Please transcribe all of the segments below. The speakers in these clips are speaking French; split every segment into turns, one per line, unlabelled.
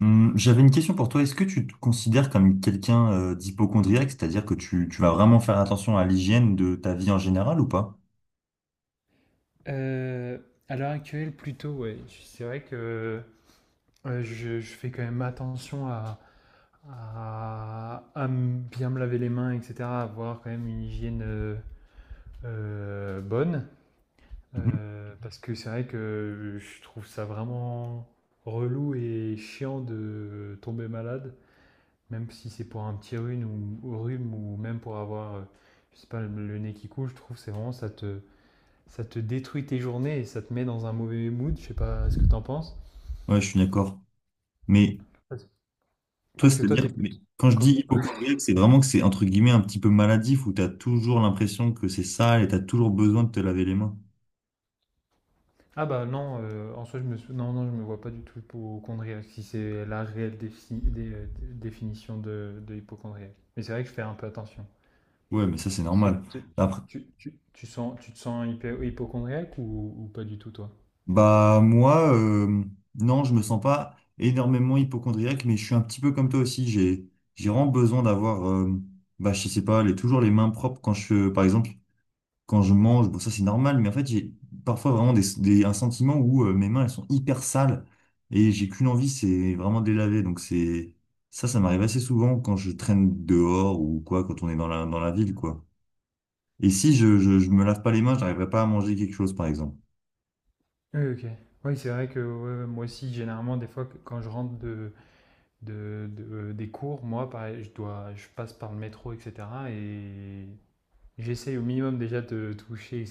J'avais une question pour toi. Est-ce que tu te considères comme quelqu'un d'hypocondriaque, c'est-à-dire que tu vas vraiment faire attention à l'hygiène de ta vie en général ou pas?
Euh, à l'heure actuelle, plutôt, ouais. C'est vrai que je fais quand même attention à, bien me laver les mains, etc., à avoir quand même une hygiène bonne.
Mhm.
Parce que c'est vrai que je trouve ça vraiment relou et chiant de tomber malade, même si c'est pour un petit rhume ou rhume ou même pour avoir, je sais pas, le nez qui coule, je trouve c'est vraiment ça te détruit tes journées et ça te met dans un mauvais mood. Je sais pas ce que t'en penses.
Ouais, je suis d'accord. Mais
Parce
toi,
parce que toi,
c'est-à-dire,
t'es
mais
plutôt.
quand je dis
comme-
hypocondriaque, c'est vraiment que c'est entre guillemets un petit peu maladif où tu as toujours l'impression que c'est sale et tu as toujours besoin de te laver les mains.
Ah bah non, en soi, non, non, je me vois pas du tout hypochondriaque, si c'est la réelle définition de hypochondriaque. Mais c'est vrai que je fais un peu attention.
Ouais, mais ça, c'est
Parce que
normal. Après,
tu te sens hypochondriaque ou pas du tout, toi?
bah moi, non, je me sens pas énormément hypocondriaque, mais je suis un petit peu comme toi aussi. J'ai vraiment besoin d'avoir, bah je sais pas, les, toujours les mains propres quand je, par exemple, quand je mange. Bon, ça c'est normal, mais en fait j'ai parfois vraiment un sentiment où mes mains elles sont hyper sales et j'ai qu'une envie, c'est vraiment de les laver. Donc c'est ça, ça m'arrive assez souvent quand je traîne dehors ou quoi, quand on est dans la ville quoi. Et si je me lave pas les mains, j'arriverai pas à manger quelque chose par exemple.
Oui, ok. Oui, c'est vrai que ouais, ouais, moi aussi, généralement, des fois, quand je rentre des cours, moi, pareil, je passe par le métro, etc. Et j'essaye au minimum déjà de toucher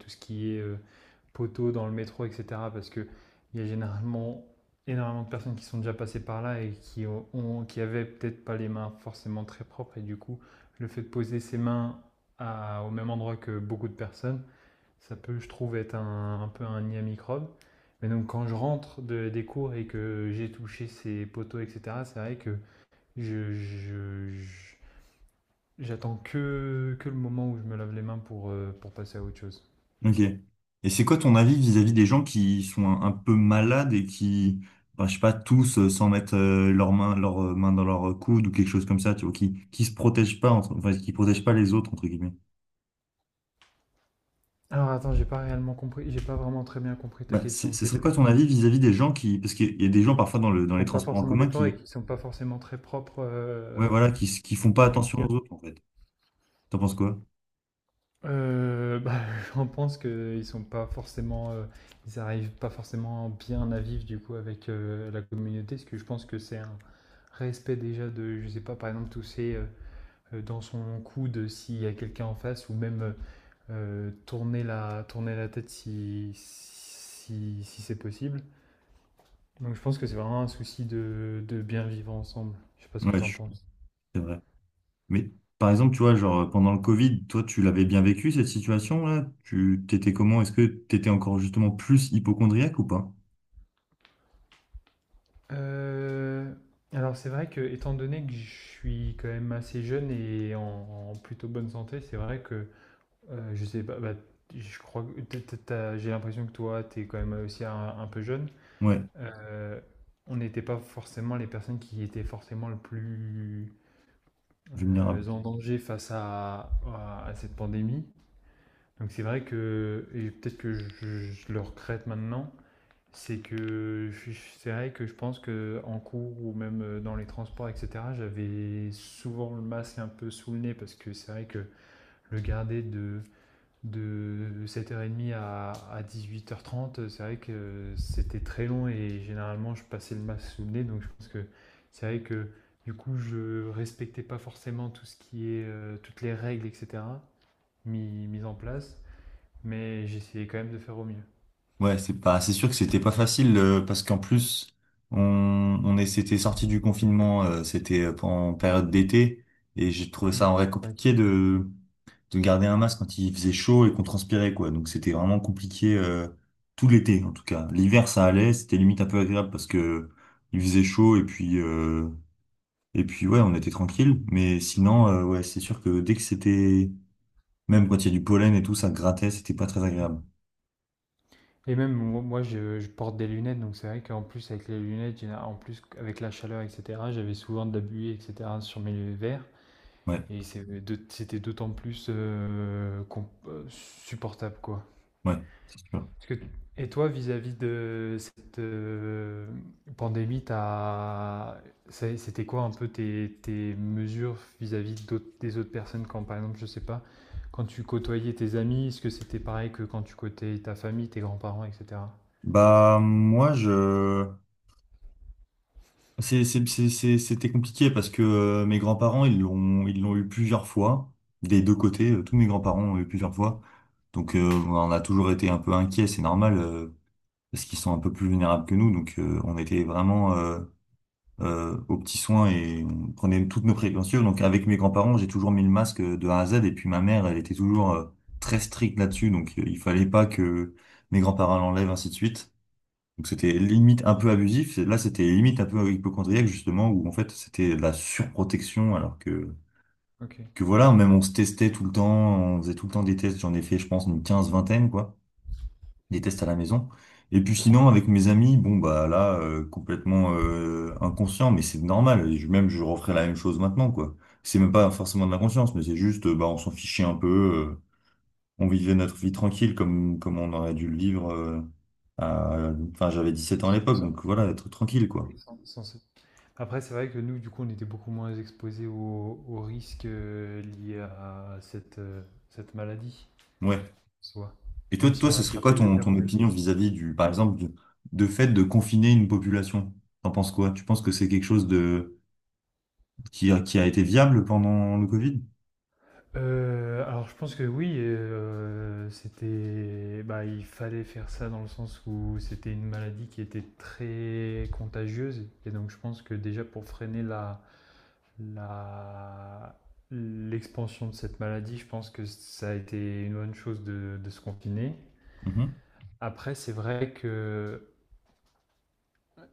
tout ce qui est poteau dans le métro, etc. Parce qu'il y a généralement énormément de personnes qui sont déjà passées par là et qui avaient peut-être pas les mains forcément très propres. Et du coup, le fait de poser ses mains au même endroit que beaucoup de personnes, ça peut, je trouve, être un peu un nid à microbes. Mais donc quand je rentre des cours et que j'ai touché ces poteaux, etc., c'est vrai que je, je- je- j'attends que le moment où je me lave les mains pour passer à autre chose.
Ok. Et c'est quoi ton avis vis-à-vis des gens qui sont un peu malades et qui, enfin, je sais pas, tous sans mettre leurs mains dans leur coude ou quelque chose comme ça, tu vois, qui se protègent pas, enfin, qui protègent pas les autres, entre guillemets.
Alors attends, j'ai pas réellement compris, j'ai pas vraiment très bien compris ta
Bah,
question.
ce
C'est
serait
plus
quoi
qu'ils
ton avis vis-à-vis des gens qui, parce qu'il y a des gens parfois dans le, dans les
font pas
transports en
forcément
commun
d'efforts et
qui,
qu'ils sont pas forcément très propres
ouais, voilà, qui font pas
au
attention
quotidien.
aux autres, en fait. T'en penses quoi?
Bah, j'en pense qu'ils sont pas forcément, ils arrivent pas forcément bien à vivre du coup avec la communauté, parce que je pense que c'est un respect déjà de, je sais pas, par exemple tousser dans son coude s'il y a quelqu'un en face ou même tourner, tourner la tête si c'est possible. Donc je pense que c'est vraiment un souci de bien vivre ensemble. Je sais pas ce que
Ouais,
t'en
je-
penses.
c'est vrai. Mais par exemple, tu vois, genre, pendant le Covid, toi, tu l'avais bien vécu, cette situation-là? Tu t'étais comment? Est-ce que t'étais encore justement plus hypocondriaque ou pas?
Euh, alors c'est vrai que étant donné que je suis quand même assez jeune et en plutôt bonne santé, c'est vrai que je sais pas, bah, je crois que j'ai l'impression que toi t'es quand même aussi un peu jeune.
Ouais,
Euh, on n'était pas forcément les personnes qui étaient forcément le plus
vulnérable.
en danger face à cette pandémie. Donc c'est vrai que et peut-être que je le regrette maintenant, c'est que je suis c'est vrai que je pense que en cours ou même, dans les transports et cetera, j'avais souvent le masque un peu sous le nez parce que c'est vrai que le garder de 7h30 à 8h30 c'est vrai que c'était très long et généralement je passais le masque sous le nez, donc je pense que c'est vrai que du coup je respectais pas forcément tout ce qui est toutes les règles, etc. Mises en place, mais j'essayais quand même de faire au mieux.
Ouais, c'est pas, c'est sûr que c'était pas facile parce qu'en plus on, on est, c'était sorti du confinement, c'était en période d'été et j'ai trouvé
Hmm.
ça en vrai
C'est vrai
compliqué de garder un masque quand il faisait chaud et qu'on transpirait quoi. Donc c'était vraiment compliqué tout l'été en tout cas. L'hiver ça allait, c'était limite un peu agréable parce que il faisait chaud et puis ouais, on était tranquille. Mais sinon ouais, c'est sûr que dès que c'était, même quand il y a du pollen et tout, ça grattait, c'était pas très
Hmm.
agréable.
Et même moi, je porte des lunettes, donc c'est vrai qu'en plus avec les lunettes, en plus avec la chaleur, etc., j'avais souvent de la buée, etc., sur mes verres.
Ouais.
Et c'était d'autant plus, com supportable, quoi.
Ouais, c'est sûr.
Parce que Et toi, vis-à-vis de pandémie, t'as as c'était quoi un peu tes mesures vis-à-vis d'autres des autres personnes quand, par exemple, je sais pas, quand tu côtoyais tes amis, est-ce que c'était pareil que quand tu côtoyais ta famille, tes grands-parents et cetera?
Bah, moi, je. C'était compliqué parce que mes grands-parents, ils l'ont eu plusieurs fois, des deux côtés. Tous mes grands-parents ont eu plusieurs fois. Donc, on en a toujours été un peu inquiets, c'est normal, parce qu'ils sont un peu plus vulnérables que nous. Donc, on était vraiment aux petits soins et on prenait toutes nos précautions. Donc, avec mes grands-parents, j'ai toujours mis le masque de A à Z. Et puis, ma mère, elle était toujours très stricte là-dessus. Donc, il fallait pas que mes grands-parents l'enlèvent, ainsi de suite. Donc c'était limite un peu abusif. Là, c'était limite un peu hypochondriaque, justement, où en fait, c'était de la surprotection, alors
OK.
que voilà, même on se testait tout le temps, on faisait tout le temps des tests. J'en ai fait, je pense, une quinzaine vingtaine, quoi, des tests à la maison. Et puis sinon, avec mes amis, bon, bah là, complètement inconscient, mais c'est normal. Je, même, je referais la même chose maintenant, quoi. C'est même pas forcément de l'inconscience, mais c'est juste, bah, on s'en fichait un peu. On vivait notre vie tranquille comme, comme on aurait dû le vivre. Enfin, j'avais 17 ans à l'époque,
Sans
donc voilà, être tranquille, quoi.
oui, sans sans après, c'est vrai que nous, du coup, on était beaucoup moins exposés aux risques liés à cette maladie,
Ouais.
soit.
Et toi,
Même si
toi,
on
ce serait quoi
l'attrapait, je veux
ton,
dire
ton
qu'on était.
opinion vis-à-vis du, par exemple, du, de fait de confiner une population? T'en penses quoi? Tu penses que c'est quelque chose de, qui a été viable pendant le Covid?
Alors, je pense que oui, bah, il fallait faire ça dans le sens où c'était une maladie qui était très contagieuse. Et donc, je pense que déjà pour freiner la, l'expansion de cette maladie, je pense que ça a été une bonne chose de se confiner.
Mhm.
Après, c'est vrai que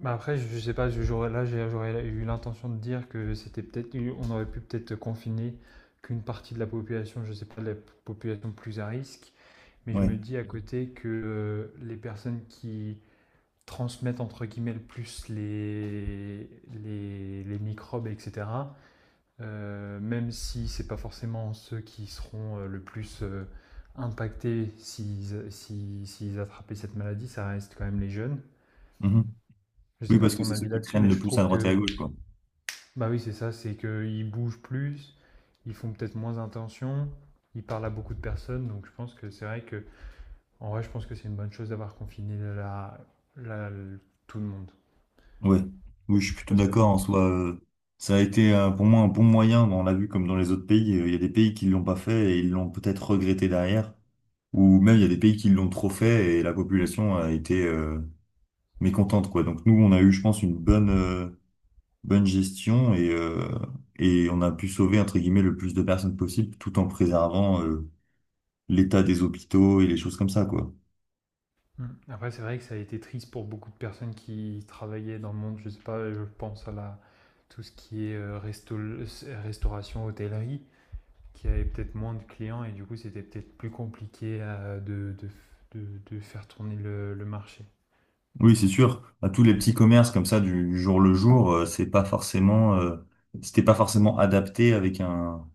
Bah après, je sais pas, j'aurais eu l'intention de dire que c'était peut-être, on aurait pu peut-être confiner qu'une partie de la population, je sais pas, la population plus à risque, mais je me
Ouais.
dis à côté que les personnes qui transmettent entre guillemets le plus les microbes, etc., même si c'est pas forcément ceux qui seront le plus impactés s'ils si, s'ils attrapaient cette maladie, ça reste quand même les jeunes.
Mhm.
Je sais
Oui,
pas
parce que
ton
c'est ceux
avis
qui
là-dessus,
traînent
mais
le
je
plus à
trouve
droite et
que
à gauche, quoi.
bah oui, c'est ça, c'est qu'ils bougent plus, ils font peut-être moins attention, ils parlent à beaucoup de personnes, donc je pense que c'est vrai que, en vrai, je pense que c'est une bonne chose d'avoir confiné la- le- tout le monde.
Ouais. Oui, je suis
Je sais
plutôt
pas ce que
d'accord
t'en
en
penses.
soi. Ça a été pour moi un bon moyen. Bon, on l'a vu comme dans les autres pays. Il y a des pays qui l'ont pas fait et ils l'ont peut-être regretté derrière. Ou même il y a des pays qui l'ont trop fait et la population a été mécontente quoi. Donc nous on a eu je pense une bonne bonne gestion et on a pu sauver entre guillemets le plus de personnes possible tout en préservant l'état des hôpitaux et les choses comme ça quoi.
Mm. Après, c'est vrai que ça a été triste pour beaucoup de personnes qui travaillaient dans le monde, je sais pas, je pense à tout ce qui est restauration, hôtellerie, qui avait peut-être moins de clients et du coup, c'était peut-être plus compliqué de faire tourner le marché.
Oui, c'est sûr, à tous les petits commerces comme ça du jour le jour, c'est pas forcément c'était pas forcément adapté avec un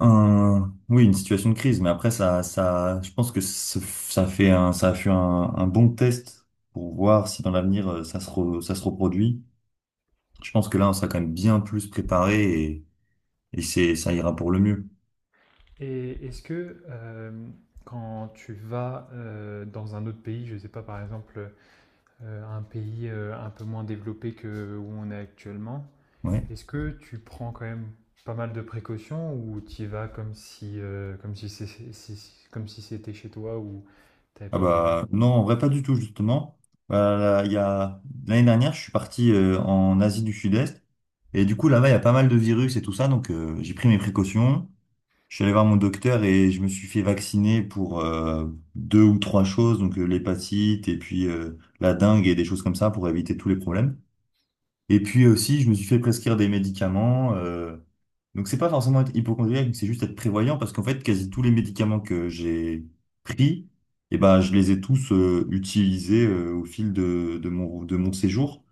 Oui, une situation de crise, mais après, ça, je pense que ça fait un, ça a fait un bon test pour voir si dans l'avenir ça se, ça se reproduit. Je pense que là, on sera quand même bien plus préparé et c'est, ça ira pour le mieux.
Et est-ce que quand tu vas dans un autre pays, je ne sais pas par exemple un pays un peu moins développé que où on est actuellement,
Ouais.
est-ce que tu prends quand même pas mal de précautions ou tu y vas comme si comme si c'était chez toi ou t'avais
Ah
peur de rien?
bah, non, en vrai, pas du tout, justement. Là, il y a, l'année dernière, je suis parti en Asie du Sud-Est et du coup, là-bas, il y a pas mal de virus et tout ça, donc j'ai pris mes précautions. Je suis allé voir mon docteur et je me suis fait vacciner pour deux ou trois choses, donc l'hépatite et puis la dengue et des choses comme ça pour éviter tous les problèmes. Et puis aussi, je me suis fait prescrire des médicaments. Donc c'est pas forcément être hypochondriaque, mais c'est juste être prévoyant parce qu'en fait, quasi tous les médicaments que j'ai pris, eh ben, je les ai tous utilisés au fil de mon séjour.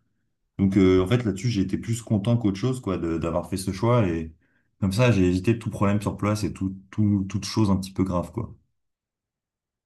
Donc en fait là-dessus j'ai été plus content qu'autre chose quoi d'avoir fait ce choix et comme ça j'ai évité tout problème sur place et tout, tout, toute chose un petit peu grave quoi.